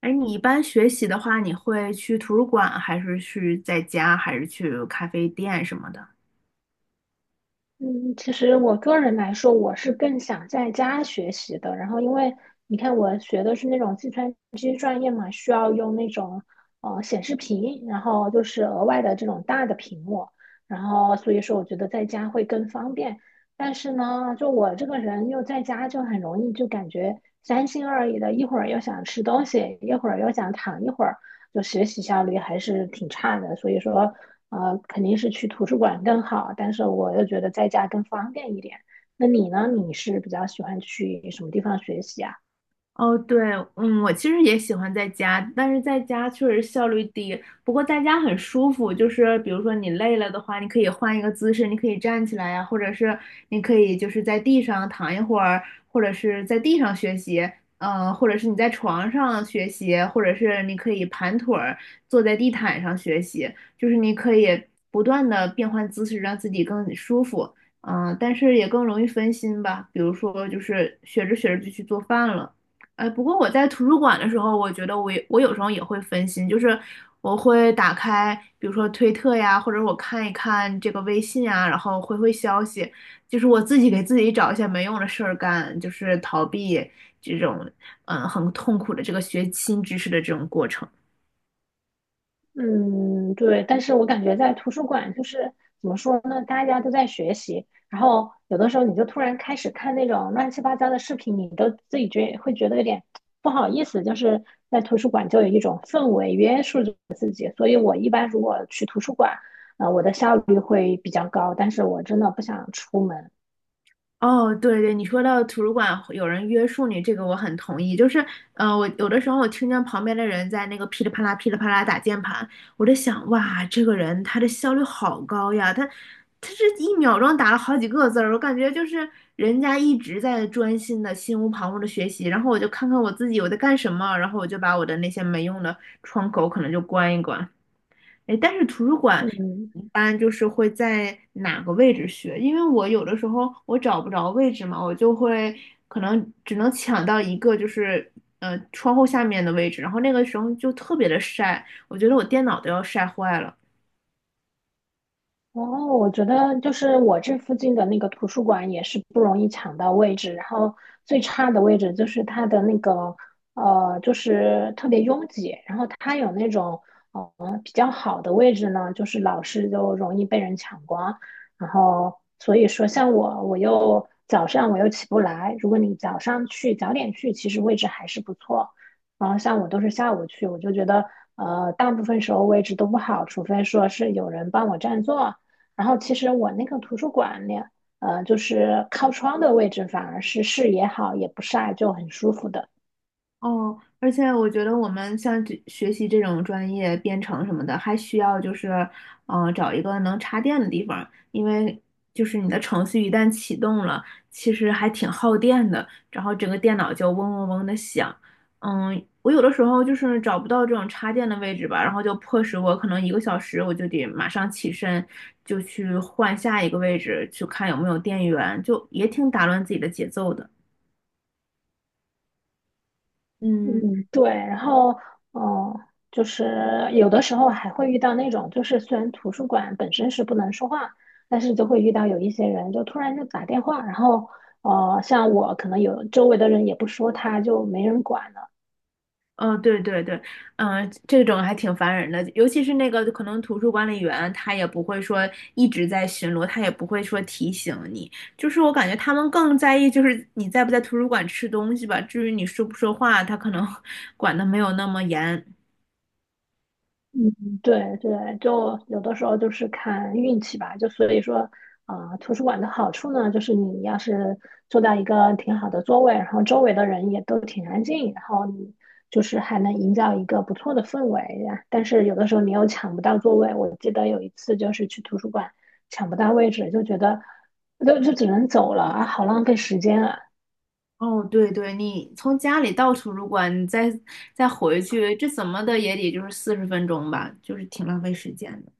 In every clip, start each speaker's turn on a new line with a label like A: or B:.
A: 哎，你一般学习的话，你会去图书馆，还是去在家，还是去咖啡店什么的？
B: 嗯，其实我个人来说，我是更想在家学习的。然后，因为你看，我学的是那种计算机专业嘛，需要用那种显示屏，然后就是额外的这种大的屏幕。然后，所以说我觉得在家会更方便。但是呢，就我这个人又在家就很容易就感觉三心二意的，一会儿又想吃东西，一会儿又想躺一会儿。就学习效率还是挺差的。所以说，肯定是去图书馆更好，但是我又觉得在家更方便一点。那你呢？你是比较喜欢去什么地方学习啊？
A: 哦，对，我其实也喜欢在家，但是在家确实效率低。不过在家很舒服，就是比如说你累了的话，你可以换一个姿势，你可以站起来呀，或者是你可以就是在地上躺一会儿，或者是在地上学习，嗯，或者是你在床上学习，或者是你可以盘腿儿坐在地毯上学习，就是你可以不断的变换姿势，让自己更舒服，但是也更容易分心吧。比如说，就是学着学着就去做饭了。不过我在图书馆的时候，我觉得我有时候也会分心，就是我会打开，比如说推特呀，或者我看一看这个微信啊，然后回回消息，就是我自己给自己找一些没用的事儿干，就是逃避这种很痛苦的这个学新知识的这种过程。
B: 嗯，对，但是我感觉在图书馆就是怎么说呢，大家都在学习，然后有的时候你就突然开始看那种乱七八糟的视频，你都自己觉得有点不好意思，就是在图书馆就有一种氛围约束着自己，所以我一般如果去图书馆，我的效率会比较高，但是我真的不想出门。
A: 哦，对对，你说到图书馆有人约束你，这个我很同意。就是，我有的时候我听见旁边的人在那个噼里啪啦、噼里啪啦打键盘，我在想，哇，这个人他的效率好高呀，他这一秒钟打了好几个字儿，我感觉就是人家一直在专心的、心无旁骛的学习。然后我就看看我自己我在干什么，然后我就把我的那些没用的窗口可能就关一关。哎，但是图书馆
B: 嗯。
A: 一般就是会在哪个位置学？因为我有的时候我找不着位置嘛，我就会可能只能抢到一个，就是窗户下面的位置，然后那个时候就特别的晒，我觉得我电脑都要晒坏了。
B: 哦，我觉得就是我这附近的那个图书馆也是不容易抢到位置，然后最差的位置就是它的那个就是特别拥挤，然后它有那种比较好的位置呢，就是老是就容易被人抢光，然后所以说像我，我早上起不来，如果你早上去早点去，其实位置还是不错，然后像我都是下午去，我就觉得大部分时候位置都不好，除非说是有人帮我占座。然后其实我那个图书馆呢，就是靠窗的位置，反而是视野好，也不晒，就很舒服的。
A: 哦，而且我觉得我们像这学习这种专业编程什么的，还需要就是，嗯，找一个能插电的地方，因为就是你的程序一旦启动了，其实还挺耗电的，然后整个电脑就嗡嗡嗡的响。嗯，我有的时候就是找不到这种插电的位置吧，然后就迫使我可能一个小时我就得马上起身，就去换下一个位置，去看有没有电源，就也挺打乱自己的节奏的。嗯。
B: 嗯，对。然后，嗯、就是有的时候还会遇到那种，就是虽然图书馆本身是不能说话，但是就会遇到有一些人就突然就打电话，然后，像我可能有周围的人也不说他，就没人管了。
A: 嗯，对对对，这种还挺烦人的，尤其是那个可能图书管理员，他也不会说一直在巡逻，他也不会说提醒你，就是我感觉他们更在意就是你在不在图书馆吃东西吧，至于你说不说话，他可能 管的没有那么严。
B: 嗯，对对，就有的时候就是看运气吧。就所以说，图书馆的好处呢，就是你要是坐到一个挺好的座位，然后周围的人也都挺安静，然后你就是还能营造一个不错的氛围呀。但是有的时候你又抢不到座位，我记得有一次就是去图书馆抢不到位置，就觉得就只能走了啊，好浪费时间啊。
A: 哦，对对，你从家里到图书馆，你再回去，这怎么的也得就是四十分钟吧，就是挺浪费时间的。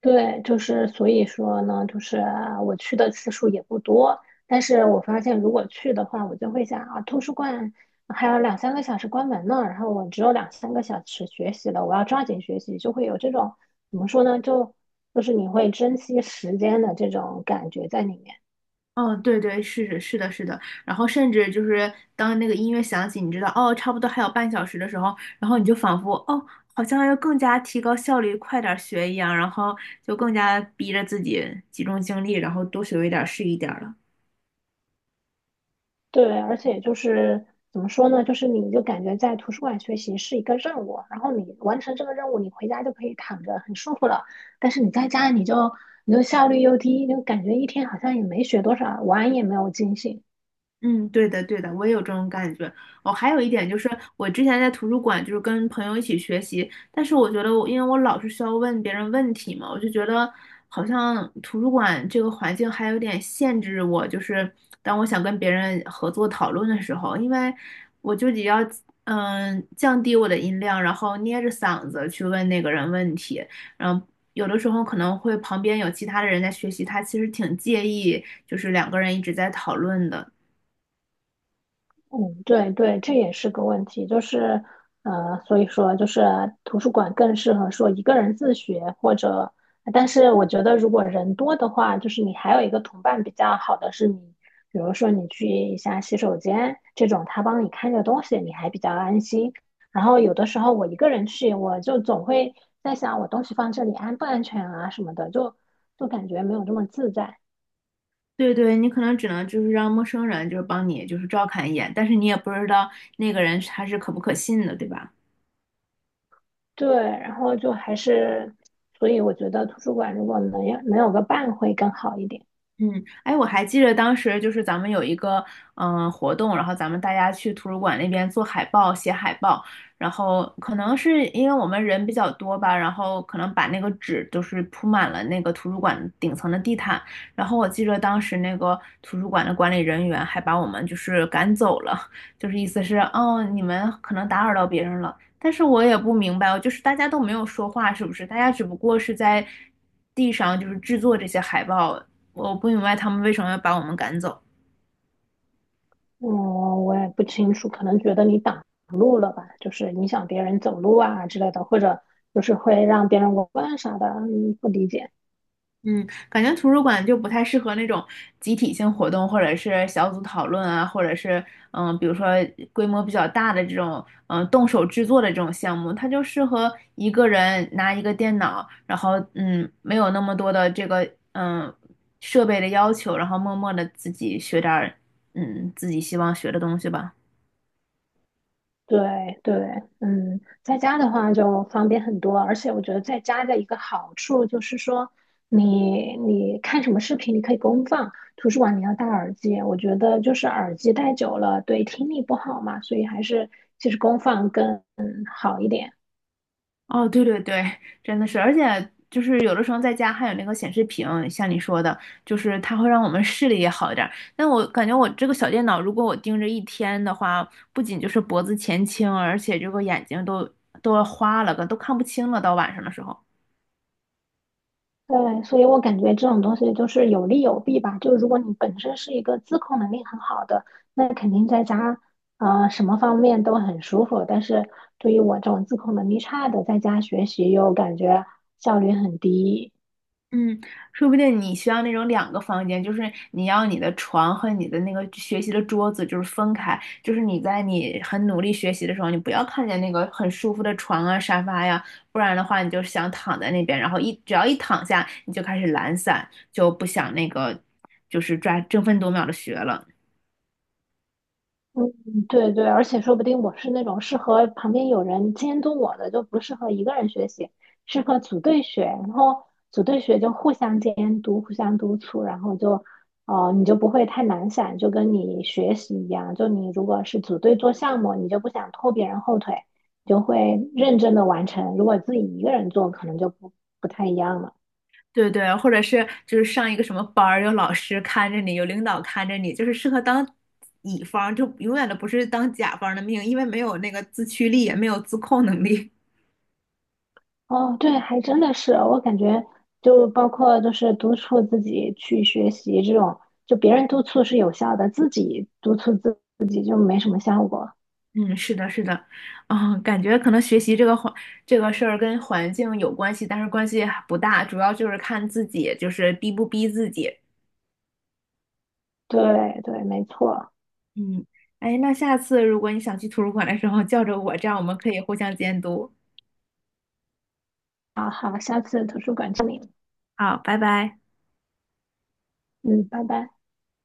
B: 对，就是所以说呢，就是我去的次数也不多，但是我发现如果去的话，我就会想啊，图书馆还有两三个小时关门呢，然后我只有两三个小时学习了，我要抓紧学习，就会有这种怎么说呢，就是你会珍惜时间的这种感觉在里面。
A: 嗯，对对，是是是的，是的。然后甚至就是当那个音乐响起，你知道哦，差不多还有半小时的时候，然后你就仿佛哦，好像要更加提高效率，快点儿学一样，然后就更加逼着自己集中精力，然后多学一点儿是一点儿了。
B: 对，而且就是怎么说呢，就是你就感觉在图书馆学习是一个任务，然后你完成这个任务，你回家就可以躺着很舒服了。但是你在家，你就效率又低，就感觉一天好像也没学多少，玩也没有尽兴。
A: 嗯，对的，对的，我也有这种感觉。我还有一点就是，我之前在图书馆就是跟朋友一起学习，但是我觉得我因为我老是需要问别人问题嘛，我就觉得好像图书馆这个环境还有点限制我，就是当我想跟别人合作讨论的时候，因为我就得要降低我的音量，然后捏着嗓子去问那个人问题，然后。有的时候可能会旁边有其他的人在学习，他其实挺介意，就是两个人一直在讨论的。
B: 嗯，对对，这也是个问题，就是，所以说就是图书馆更适合说一个人自学，或者，但是我觉得如果人多的话，就是你还有一个同伴比较好的是你，比如说你去一下洗手间这种，他帮你看着东西，你还比较安心。然后有的时候我一个人去，我就总会在想我东西放这里安不安全啊什么的，就感觉没有这么自在。
A: 对对，你可能只能就是让陌生人就是帮你就是照看一眼，但是你也不知道那个人他是可不可信的，对吧？
B: 对，然后就还是，所以我觉得图书馆如果能有个伴会更好一点。
A: 嗯，哎，我还记得当时就是咱们有一个活动，然后咱们大家去图书馆那边做海报、写海报，然后可能是因为我们人比较多吧，然后可能把那个纸都是铺满了那个图书馆顶层的地毯，然后我记得当时那个图书馆的管理人员还把我们就是赶走了，就是意思是哦你们可能打扰到别人了，但是我也不明白，就是大家都没有说话，是不是？大家只不过是在地上就是制作这些海报。我不明白他们为什么要把我们赶走。
B: 嗯，我也不清楚，可能觉得你挡路了吧，就是影响别人走路啊之类的，或者就是会让别人围观啥的，嗯，不理解。
A: 嗯，感觉图书馆就不太适合那种集体性活动，或者是小组讨论啊，或者是嗯，比如说规模比较大的这种动手制作的这种项目，它就适合一个人拿一个电脑，然后嗯，没有那么多的这个设备的要求，然后默默的自己学点儿自己希望学的东西吧。
B: 对对。嗯，在家的话就方便很多，而且我觉得在家的一个好处就是说你看什么视频你可以公放，图书馆你要戴耳机，我觉得就是耳机戴久了对听力不好嘛，所以还是其实公放更好一点。
A: 哦，对对对，真的是，而且就是有的时候在家还有那个显示屏，像你说的，就是它会让我们视力也好一点儿。但我感觉我这个小电脑，如果我盯着一天的话，不仅就是脖子前倾，而且这个眼睛都花了个，都看不清了，到晚上的时候。
B: 对，所以我感觉这种东西就是有利有弊吧。就如果你本身是一个自控能力很好的，那肯定在家什么方面都很舒服。但是对于我这种自控能力差的，在家学习又感觉效率很低。
A: 嗯，说不定你需要那种两个房间，就是你要你的床和你的那个学习的桌子就是分开，就是你在你很努力学习的时候，你不要看见那个很舒服的床啊、沙发呀，不然的话你就想躺在那边，然后只要一躺下，你就开始懒散，就不想那个就是抓争分夺秒的学了。
B: 嗯，对对，而且说不定我是那种适合旁边有人监督我的，就不适合一个人学习，适合组队学。然后组队学就互相监督、互相督促，然后你就不会太懒散，就跟你学习一样。就你如果是组队做项目，你就不想拖别人后腿，就会认真的完成。如果自己一个人做，可能就不不太一样了。
A: 对对，或者是就是上一个什么班儿，有老师看着你，有领导看着你，就是适合当乙方，就永远都不是当甲方的命，因为没有那个自驱力，也没有自控能力。
B: 哦，对，还真的是，我感觉就包括就是督促自己去学习这种，就别人督促是有效的，自己督促自己就没什么效果。
A: 嗯，是的，是的，感觉可能学习这个这个事儿跟环境有关系，但是关系还不大，主要就是看自己，就是逼不逼自己。
B: 对对，没错。
A: 嗯，哎，那下次如果你想去图书馆的时候，叫着我，这样我们可以互相监督。
B: 好好，下次图书馆见你。
A: 好，拜拜。
B: 嗯，拜拜。